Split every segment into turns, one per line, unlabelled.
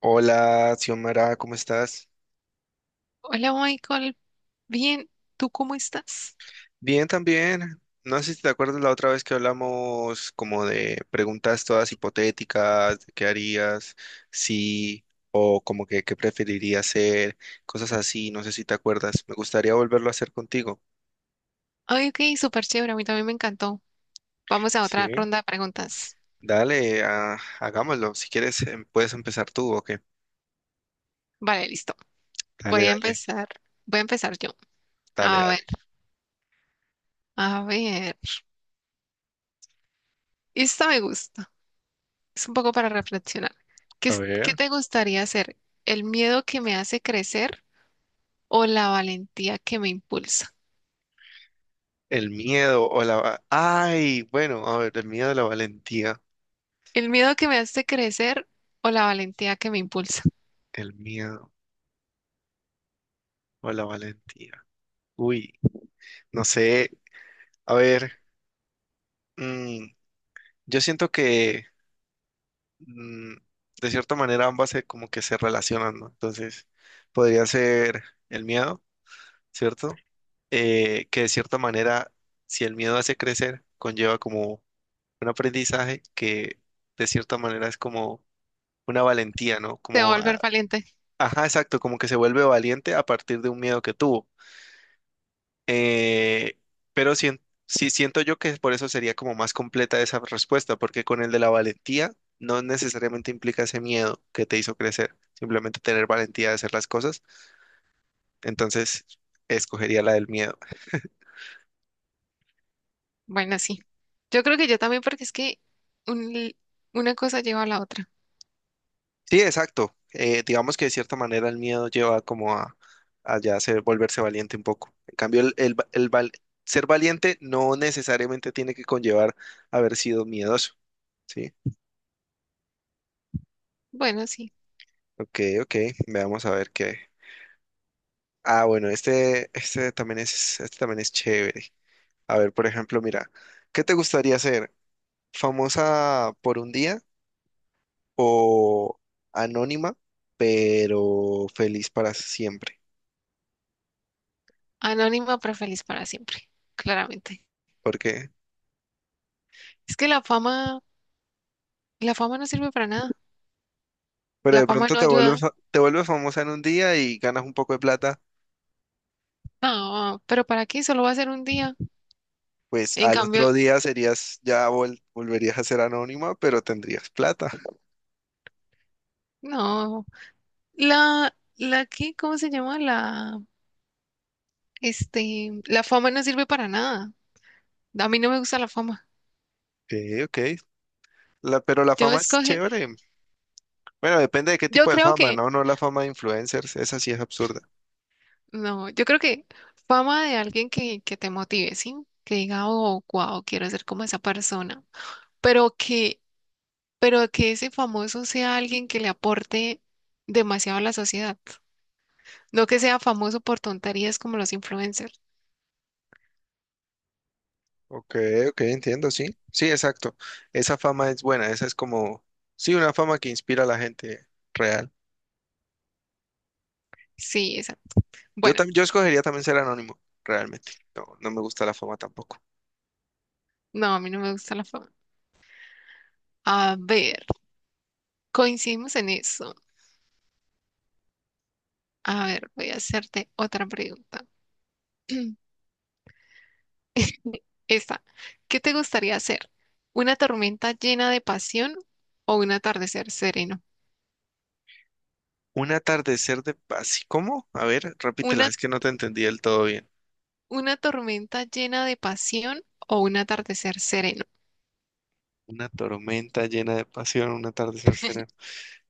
Hola, Xiomara, ¿cómo estás?
Hola Michael, bien, ¿tú cómo estás?
Bien, también. No sé si te acuerdas la otra vez que hablamos como de preguntas todas hipotéticas, de qué harías, sí, o como que qué preferirías hacer, cosas así, no sé si te acuerdas. Me gustaría volverlo a hacer contigo.
Ay, ok, súper chévere, a mí también me encantó. Vamos a otra
Sí.
ronda de preguntas.
Dale, hagámoslo. Si quieres, puedes empezar tú, ¿o qué?
Vale, listo.
Dale,
Voy a
dale,
empezar, voy a empezar yo.
dale,
A ver,
dale.
a ver. Esta me gusta, es un poco para reflexionar.
A
¿Qué
ver.
te gustaría hacer? ¿El miedo que me hace crecer o la valentía que me impulsa?
El miedo o ay, bueno, a ver, el miedo o la valentía.
¿El miedo que me hace crecer o la valentía que me impulsa?
El miedo o la valentía. Uy, no sé, a ver, mm, yo siento que mm, de cierta manera como que se relacionan, ¿no? Entonces, podría ser el miedo, ¿cierto? Que de cierta manera, si el miedo hace crecer, conlleva como un aprendizaje que de cierta manera es como una valentía, ¿no?
Te va a volver valiente.
Ajá, exacto, como que se vuelve valiente a partir de un miedo que tuvo. Eh, pero sien- sí siento yo que por eso sería como más completa esa respuesta, porque con el de la valentía no necesariamente implica ese miedo que te hizo crecer, simplemente tener valentía de hacer las cosas. Entonces, escogería la del miedo.
Bueno, sí. Yo creo que yo también, porque es que un li- una cosa lleva a la otra.
Sí, exacto. Digamos que de cierta manera el miedo lleva como a ya volverse valiente un poco. En cambio, el va- el val- ser valiente no necesariamente tiene que conllevar haber sido miedoso. Sí,
Bueno, sí.
ok, ok. Veamos a ver qué. Ah, bueno, este también es, chévere. A ver, por ejemplo, mira, ¿qué te gustaría ser? ¿Famosa por un día o anónima, pero feliz para siempre?
Anónima, pero feliz para siempre, claramente.
¿Por qué?
Es que la fama no sirve para nada.
Pero
La
de
fama
pronto
no ayuda.
te vuelves famosa en un día y ganas un poco de plata,
No, pero ¿para qué? Solo va a ser un día.
pues
En
al
cambio,
otro día serías, volverías a ser anónima, pero tendrías plata.
no. La que, ¿cómo se llama? La, la fama no sirve para nada. A mí no me gusta la fama.
Ok, ok. Pero la
Yo
fama es
escoge,
chévere. Bueno, depende de qué
yo
tipo de
creo
fama,
que
¿no? No la fama de influencers, esa sí es absurda.
no, yo creo que fama de alguien que te motive, ¿sí? Que diga, oh, wow, quiero ser como esa persona. Pero que, pero que ese famoso sea alguien que le aporte demasiado a la sociedad. No que sea famoso por tonterías como los influencers.
Ok, ok, entiendo, sí. Sí, exacto. Esa fama es buena, esa es como, sí, una fama que inspira a la gente real.
Sí, esa. Bueno,
Yo escogería también ser anónimo, realmente. No, no me gusta la fama tampoco.
no, a mí no me gusta la fama. A ver, coincidimos en eso. A ver, voy a hacerte otra pregunta. Esta, ¿qué te gustaría hacer? ¿Una tormenta llena de pasión o un atardecer sereno?
Un atardecer de paz. ¿Cómo? A ver, repítela,
Una,
es que no te entendí del todo bien.
una tormenta llena de pasión o un atardecer sereno.
Una tormenta llena de pasión, un atardecer sereno.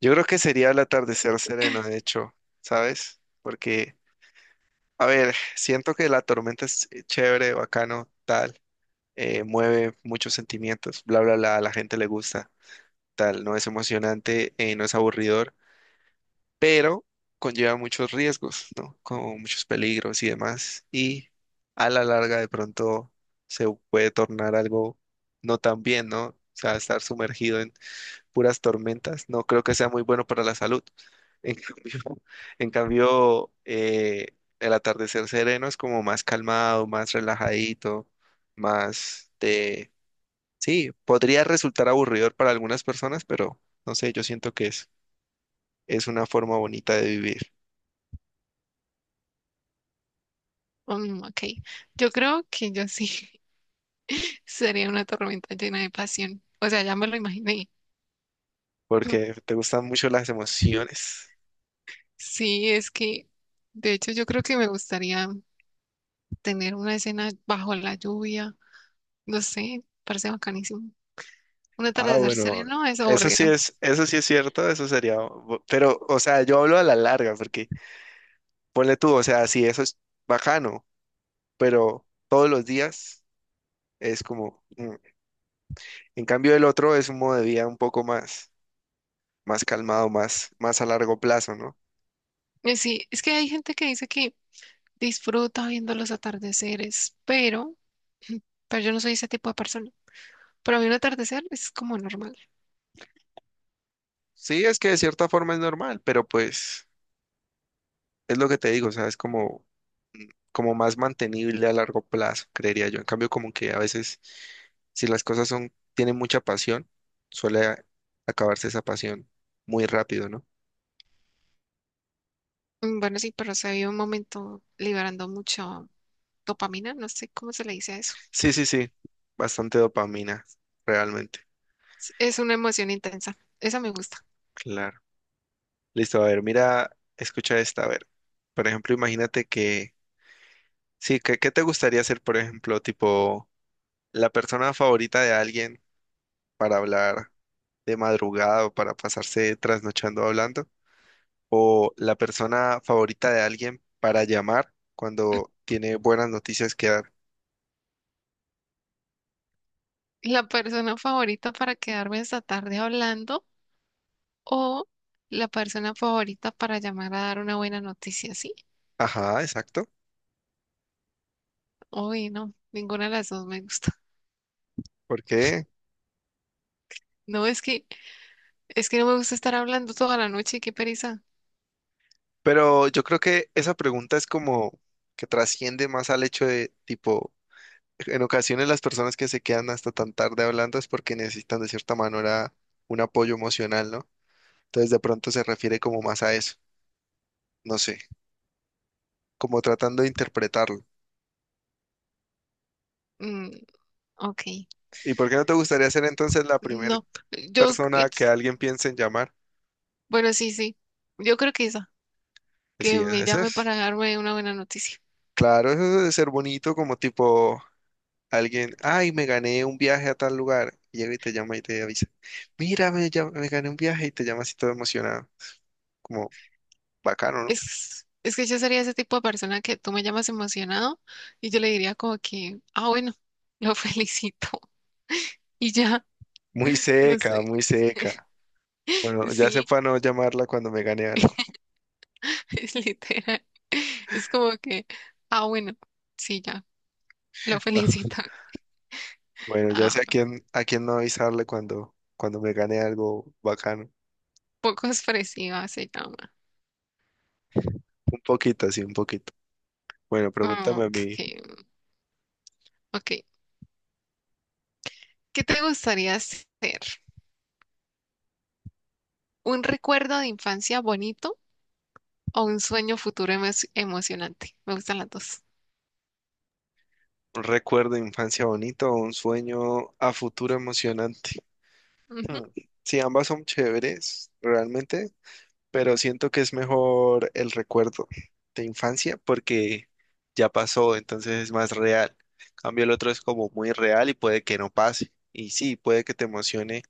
Yo creo que sería el atardecer sereno, de hecho, ¿sabes? Porque, a ver, siento que la tormenta es chévere, bacano, tal mueve muchos sentimientos, bla, bla, bla, a la gente le gusta, tal, no es emocionante, no es aburridor, pero conlleva muchos riesgos, ¿no? Como muchos peligros y demás, y a la larga de pronto se puede tornar algo no tan bien, ¿no? O sea, estar sumergido en puras tormentas, no creo que sea muy bueno para la salud. En cambio, en cambio el atardecer sereno es como más calmado, más relajadito, más de sí, podría resultar aburridor para algunas personas, pero no sé, yo siento que es una forma bonita de vivir,
Mm, ok, yo creo que yo sí sería una tormenta llena de pasión. O sea, ya me lo imaginé.
porque te gustan mucho las emociones.
Sí, es que, de hecho, yo creo que me gustaría tener una escena bajo la lluvia. No sé, parece bacanísimo. Un
Ah,
atardecer
bueno,
sereno es aburrido.
eso sí es cierto, eso sería, pero, o sea, yo hablo a la larga, porque ponle tú, o sea, sí, eso es bacano, pero todos los días es como, mm. En cambio el otro es un modo de vida un poco más calmado, más a largo plazo, ¿no?
Y sí, es que hay gente que dice que disfruta viendo los atardeceres, pero yo no soy ese tipo de persona. Para mí un atardecer es como normal.
Sí, es que de cierta forma es normal, pero pues es lo que te digo, o sea, es como más mantenible a largo plazo, creería yo. En cambio, como que a veces, si tienen mucha pasión, suele acabarse esa pasión muy rápido, ¿no?
Mm, bueno, sí, pero se vive un momento liberando mucho dopamina, no sé cómo se le dice a eso.
Sí, sí, sí, bastante dopamina, realmente,
Es una emoción intensa, esa me gusta.
claro. Listo, a ver, mira, escucha esta, a ver. Por ejemplo, imagínate que, sí, ¿¿qué te gustaría ser, por ejemplo, tipo, la persona favorita de alguien para hablar de madrugada o para pasarse trasnochando hablando? O la persona favorita de alguien para llamar cuando tiene buenas noticias que dar.
La persona favorita para quedarme esta tarde hablando o la persona favorita para llamar a dar una buena noticia, ¿sí?
Ajá, exacto.
Uy, no, ninguna de las dos me gusta.
¿Por qué?
No, es que no me gusta estar hablando toda la noche, qué pereza.
Pero yo creo que esa pregunta es como que trasciende más al hecho de tipo, en ocasiones las personas que se quedan hasta tan tarde hablando es porque necesitan de cierta manera un apoyo emocional, ¿no? Entonces de pronto se refiere como más a eso, no sé, como tratando de interpretarlo.
Mm, ok,
¿Y por qué no te gustaría ser entonces la primera
no, yo,
persona que alguien piense en llamar?
bueno, sí, sí, yo creo que esa,
Pues
que
sí,
me
ese
llame
es.
para darme una buena noticia.
Claro, eso debe ser bonito, como tipo alguien, ay, me gané un viaje a tal lugar. Y llega y te llama y te avisa, mira, me gané un viaje y te llama así todo emocionado. Como bacano, ¿no?
Es que yo sería ese tipo de persona que tú me llamas emocionado y yo le diría como que, ah, bueno, lo felicito. Y ya,
Muy
no
seca,
sé,
muy seca. Bueno, ya sé
sí,
para no llamarla cuando me gane algo.
es literal. Es como que, ah, bueno, sí, ya, lo felicito.
Bueno, ya sé
Ah,
a quién no avisarle cuando me gane algo bacano.
poco expresiva se llama.
Un poquito, así, un poquito. Bueno,
Ah,
pregúntame a
ok,
mí,
ok. ¿Qué te gustaría ser? ¿Un recuerdo de infancia bonito o un sueño futuro emo- emocionante? Me gustan las dos.
¿un recuerdo de infancia bonito o un sueño a futuro emocionante?
Ujú.
Mm, sí, ambas son chéveres, realmente, pero siento que es mejor el recuerdo de infancia porque ya pasó, entonces es más real. Cambio, el otro es como muy real y puede que no pase. Y sí, puede que te emocione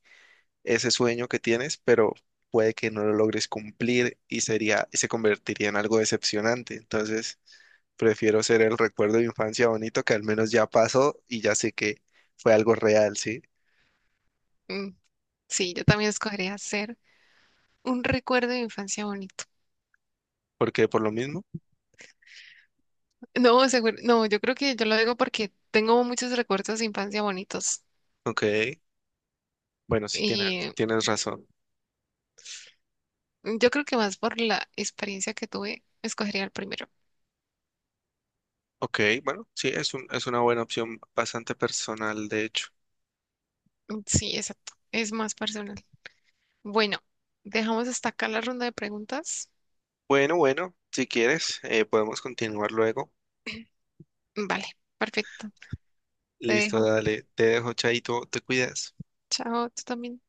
ese sueño que tienes, pero puede que no lo logres cumplir y se convertiría en algo decepcionante. Entonces, prefiero ser el recuerdo de infancia bonito que al menos ya pasó y ya sé que fue algo real, ¿sí?
Mm, sí, yo también escogería ser un recuerdo de infancia bonito.
Porque por lo mismo,
No, seguro, no, yo creo que yo lo digo porque tengo muchos recuerdos de infancia bonitos.
ok. Bueno, sí
Y
tienes razón.
yo creo que más por la experiencia que tuve, escogería el primero.
Ok, bueno, sí, es una buena opción bastante personal, de hecho.
Sí, exacto. Es más personal. Bueno, dejamos hasta acá la ronda de preguntas.
Bueno, bueno, si quieres, podemos continuar luego.
Vale, perfecto. Te
Listo,
dejo.
dale, te dejo, Chaito, te cuidas.
Chao, tú también.